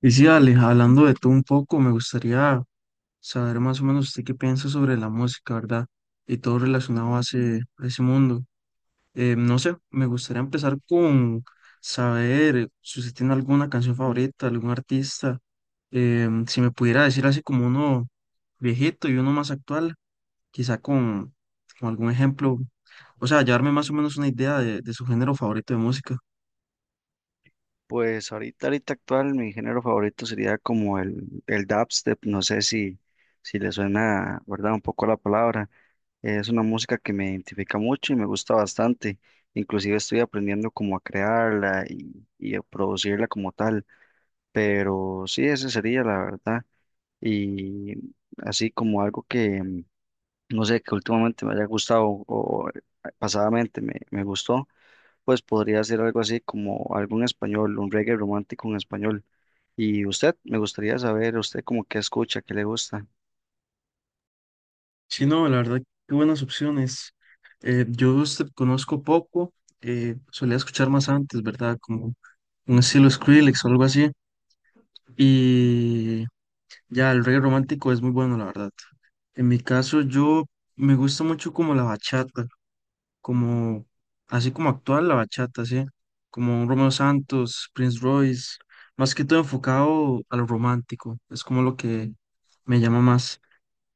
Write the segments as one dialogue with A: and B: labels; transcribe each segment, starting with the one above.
A: Y sí, Ale, hablando de tú un poco, me gustaría saber más o menos usted qué piensa sobre la música, ¿verdad? Y todo relacionado a ese mundo. No sé, me gustaría empezar con saber si usted tiene alguna canción favorita, algún artista. Si me pudiera decir así como uno viejito y uno más actual, quizá con algún ejemplo, o sea, llevarme más o menos una idea de su género favorito de música.
B: Pues ahorita actual, mi género favorito sería como el dubstep, no sé si le suena, ¿verdad? Un poco la palabra. Es una música que me identifica mucho y me gusta bastante. Inclusive estoy aprendiendo como a crearla y a producirla como tal. Pero sí, ese sería la verdad. Y así como algo que, no sé, que últimamente me haya gustado o pasadamente me gustó, pues podría ser algo así como algo en español, un reggae romántico en español. Y usted, me gustaría saber, usted como qué escucha, qué le gusta.
A: Sí, no, la verdad, qué buenas opciones. Yo de usted conozco poco, solía escuchar más antes, ¿verdad? Como un estilo Skrillex o algo así. Y ya, el reggae romántico es muy bueno, la verdad. En mi caso, yo me gusta mucho como la bachata, como así como actual la bachata, ¿sí? Como un Romeo Santos, Prince Royce, más que todo enfocado a lo romántico, es como lo que me llama más.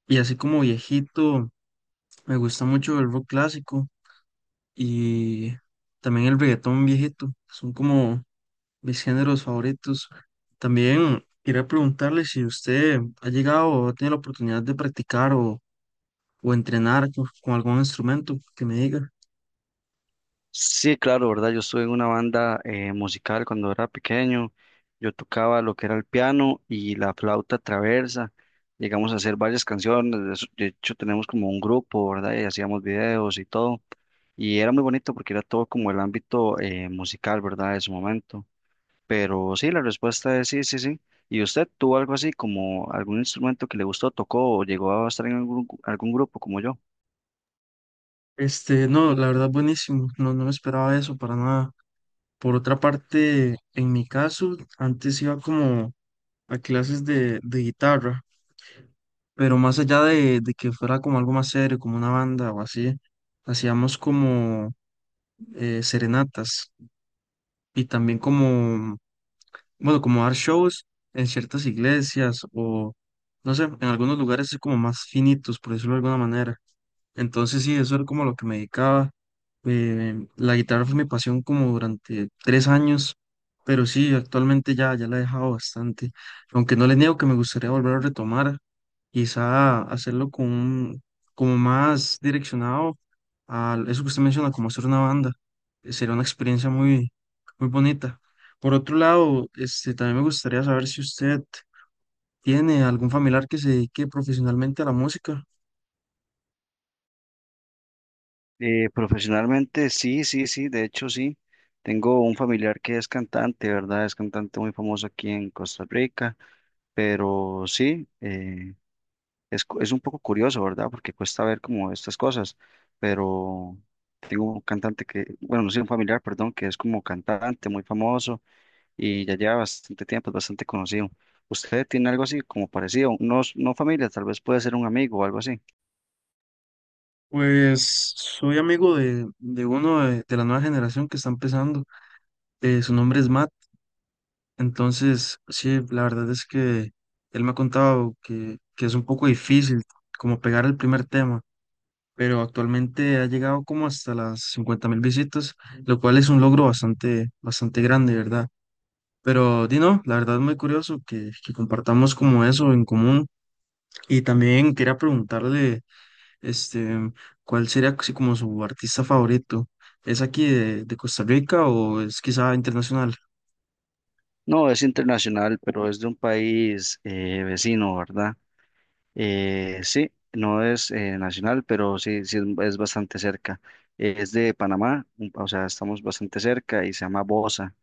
A: Y así como viejito. Me gusta mucho el rock clásico y también el reggaetón viejito. Son como mis géneros favoritos. También quería preguntarle si usted ha llegado o ha tenido la oportunidad de practicar o entrenar con algún instrumento que me diga.
B: Sí, claro, ¿verdad? Yo estuve en una banda musical cuando era pequeño. Yo tocaba lo que era el piano y la flauta traversa. Llegamos a hacer varias canciones. De hecho, tenemos como un grupo, ¿verdad? Y hacíamos videos y todo. Y era muy bonito porque era todo como el ámbito musical, ¿verdad? De su momento. Pero sí, la respuesta es sí, sí, sí. ¿Y usted tuvo algo así como algún instrumento que le gustó, tocó o llegó a estar en algún grupo como yo?
A: Este, no, la verdad buenísimo, no, no me esperaba eso para nada. Por otra parte, en mi caso, antes iba como a clases de guitarra, pero más allá de que fuera como algo más serio, como una banda o así, hacíamos como serenatas y también como, bueno, como dar shows en ciertas iglesias o, no sé, en algunos lugares así como más finitos, por decirlo de alguna manera. Entonces sí, eso era como lo que me dedicaba. La guitarra fue mi pasión como durante 3 años, pero sí, actualmente ya la he dejado bastante. Aunque no les niego que me gustaría volver a retomar, quizá como más direccionado a eso que usted menciona, como hacer una banda. Sería una experiencia muy bonita. Por otro lado, este, también me gustaría saber si usted tiene algún familiar que se dedique profesionalmente a la música.
B: Profesionalmente, sí, sí, sí, de hecho sí. Tengo un familiar que es cantante, ¿verdad? Es cantante muy famoso aquí en Costa Rica, pero sí, es, es un poco curioso, ¿verdad? Porque cuesta ver como estas cosas, pero tengo un cantante que, bueno, no sé, un familiar, perdón, que es como cantante muy famoso y ya lleva bastante tiempo, es bastante conocido. ¿Usted tiene algo así como parecido? No, no familia, tal vez puede ser un amigo o algo así.
A: Pues soy amigo de la nueva generación que está empezando. Su nombre es Matt. Entonces, sí, la verdad es que él me ha contado que es un poco difícil como pegar el primer tema, pero actualmente ha llegado como hasta las 50.000 visitas, lo cual es un logro bastante grande, ¿verdad? Pero Dino, la verdad es muy curioso que compartamos como eso en común. Y también quería preguntarle este, ¿cuál sería así como su artista favorito? ¿Es aquí de Costa Rica o es quizá internacional?
B: No, es internacional, pero es de un país vecino, ¿verdad? Sí, no es nacional, pero sí, sí es bastante cerca. Es de Panamá, o sea, estamos bastante cerca y se llama Bosa.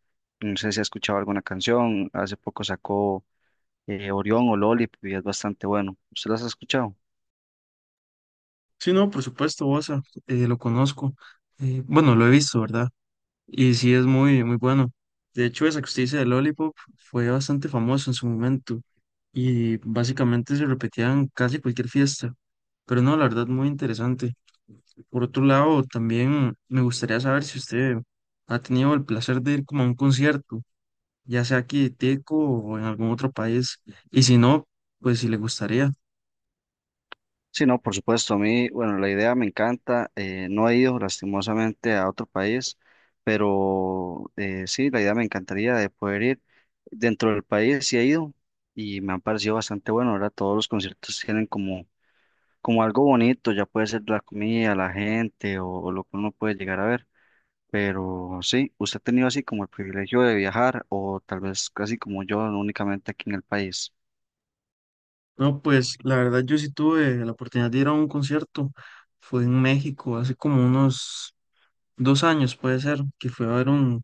B: No sé si ha escuchado alguna canción, hace poco sacó Orión o Lollipop y es bastante bueno. ¿Usted las ha escuchado?
A: Sí, no, por supuesto, Bosa, lo conozco. Bueno, lo he visto, ¿verdad? Y sí es muy bueno. De hecho, esa que usted dice de Lollipop fue bastante famoso en su momento y básicamente se repetían casi cualquier fiesta. Pero no, la verdad, muy interesante. Por otro lado, también me gustaría saber si usted ha tenido el placer de ir como a un concierto, ya sea aquí de Teco o en algún otro país. Y si no, pues si le gustaría.
B: Sí, no, por supuesto, a mí, bueno, la idea me encanta, no he ido lastimosamente a otro país, pero sí, la idea me encantaría de poder ir dentro del país, sí he ido y me han parecido bastante bueno, ahora todos los conciertos tienen como, como algo bonito, ya puede ser la comida, la gente o lo que uno puede llegar a ver, pero sí, ¿usted ha tenido así como el privilegio de viajar o tal vez casi como yo, únicamente aquí en el país?
A: No, pues la verdad yo sí tuve la oportunidad de ir a un concierto. Fue en México hace como unos 2 años, puede ser, que fue a ver un...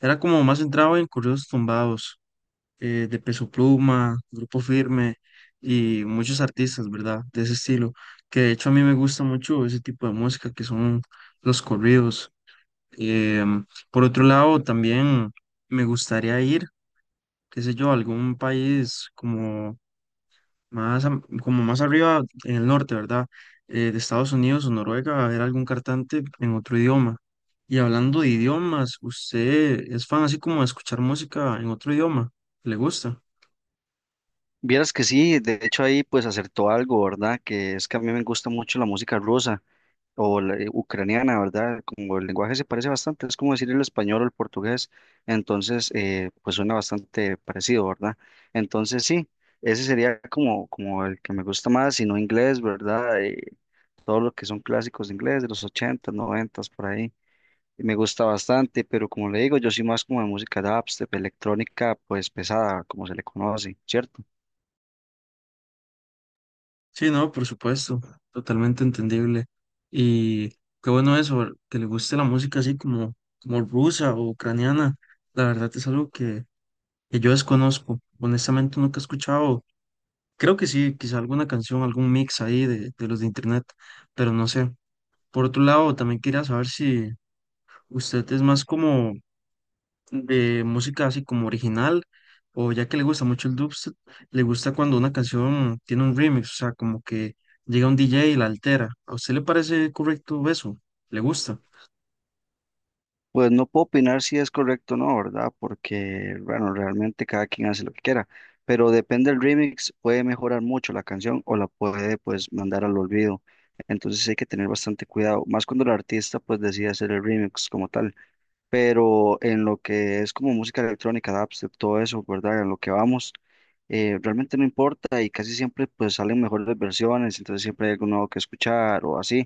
A: Era como más centrado en corridos tumbados, de Peso Pluma, Grupo Firme y muchos artistas, ¿verdad? De ese estilo. Que de hecho a mí me gusta mucho ese tipo de música que son los corridos. Em, por otro lado, también me gustaría ir qué sé yo, algún país como como más arriba en el norte, ¿verdad? De Estados Unidos o Noruega, a ver algún cantante en otro idioma. Y hablando de idiomas, ¿usted es fan así como de escuchar música en otro idioma? ¿Le gusta?
B: Vieras que sí, de hecho ahí pues acertó algo, ¿verdad? Que es que a mí me gusta mucho la música rusa o la, ucraniana, ¿verdad? Como el lenguaje se parece bastante, es como decir el español o el portugués, entonces pues suena bastante parecido, ¿verdad? Entonces sí, ese sería como, como el que me gusta más, sino inglés, ¿verdad? Todo lo que son clásicos de inglés de los ochentas noventas por ahí. Me gusta bastante, pero como le digo, yo soy más como de música dubstep, electrónica, pues pesada, como se le conoce, ¿cierto?
A: Sí, no, por supuesto, totalmente entendible. Y qué bueno eso, que le guste la música así como rusa o ucraniana. La verdad es algo que yo desconozco. Honestamente nunca he escuchado. Creo que sí, quizá alguna canción, algún mix ahí de los de internet, pero no sé. Por otro lado, también quería saber si usted es más como de música así como original, o ya que le gusta mucho el dubstep, le gusta cuando una canción tiene un remix, o sea, como que llega un DJ y la altera. ¿A usted le parece correcto eso? ¿Le gusta?
B: Pues no puedo opinar si es correcto o no, ¿verdad? Porque, bueno, realmente cada quien hace lo que quiera, pero depende del remix, puede mejorar mucho la canción o la puede pues mandar al olvido. Entonces hay que tener bastante cuidado, más cuando el artista pues decide hacer el remix como tal, pero en lo que es como música electrónica, dubstep, todo eso, ¿verdad? En lo que vamos, realmente no importa y casi siempre pues salen mejores versiones, entonces siempre hay algo nuevo que escuchar o así,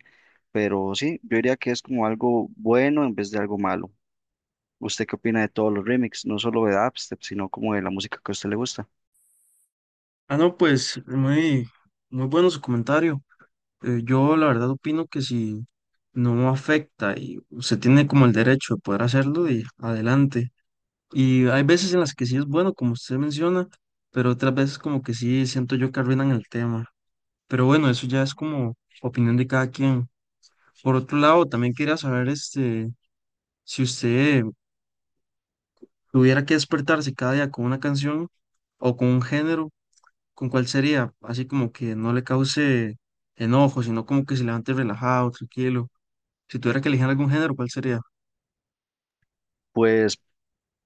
B: pero sí, yo diría que es como algo bueno en vez de algo malo. ¿Usted qué opina de todos los remixes? No solo de dubstep, sino como de la música que a usted le gusta.
A: Ah, no, pues muy bueno su comentario. Yo la verdad opino que si no afecta y usted tiene como el derecho de poder hacerlo y adelante. Y hay veces en las que sí es bueno, como usted menciona, pero otras veces como que sí siento yo que arruinan el tema. Pero bueno, eso ya es como opinión de cada quien. Por otro lado, también quería saber este, si usted tuviera que despertarse cada día con una canción o con un género, ¿con cuál sería? Así como que no le cause enojo, sino como que se levante relajado, tranquilo. Si tuviera que elegir algún género, ¿cuál sería?
B: Pues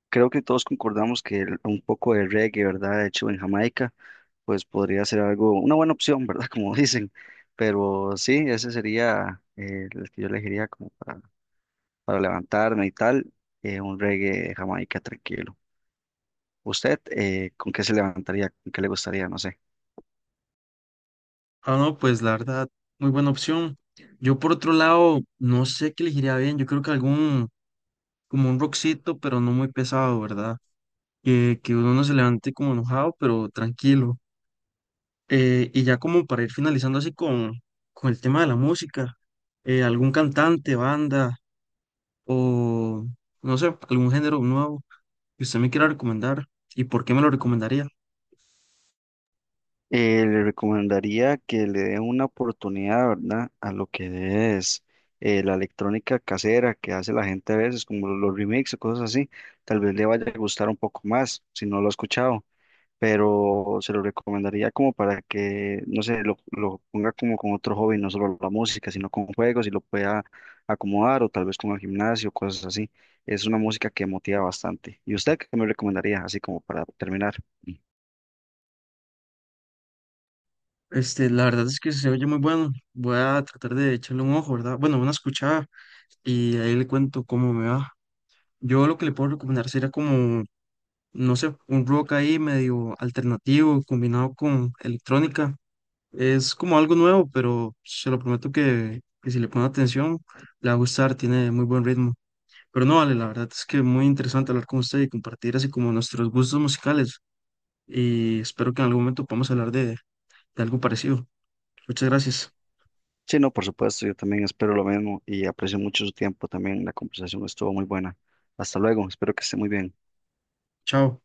B: creo que todos concordamos que un poco de reggae, ¿verdad? Hecho en Jamaica, pues podría ser algo, una buena opción, ¿verdad? Como dicen. Pero sí, ese sería el que yo elegiría como para levantarme y tal, un reggae de Jamaica tranquilo. ¿Usted con qué se levantaría? ¿Con qué le gustaría? No sé.
A: Ah, no, pues la verdad, muy buena opción. Yo por otro lado, no sé qué elegiría bien. Yo creo que algún como un rockcito, pero no muy pesado, ¿verdad? Que uno no se levante como enojado, pero tranquilo. Y ya como para ir finalizando así con el tema de la música, algún cantante, banda o no sé, algún género nuevo que usted me quiera recomendar y por qué me lo recomendaría.
B: Le recomendaría que le dé una oportunidad, ¿verdad? A lo que es la electrónica casera que hace la gente a veces, como los remixes o cosas así. Tal vez le vaya a gustar un poco más, si no lo ha escuchado, pero se lo recomendaría como para que, no sé, lo ponga como con otro hobby, no solo la música, sino con juegos y lo pueda acomodar o tal vez con el gimnasio, cosas así. Es una música que motiva bastante. ¿Y usted qué me recomendaría, así como para terminar?
A: Este, la verdad es que se oye muy bueno. Voy a tratar de echarle un ojo, ¿verdad? Bueno, una escuchada y ahí le cuento cómo me va. Yo lo que le puedo recomendar sería como no sé, un rock ahí medio alternativo combinado con electrónica. Es como algo nuevo, pero se lo prometo que si le pone atención, le va a gustar, tiene muy buen ritmo. Pero no, vale, la verdad es que muy interesante hablar con usted y compartir así como nuestros gustos musicales. Y espero que en algún momento podamos hablar de algo parecido. Muchas gracias.
B: Sí, no, por supuesto, yo también espero lo mismo y aprecio mucho su tiempo también. La conversación estuvo muy buena. Hasta luego, espero que esté muy bien.
A: Chao.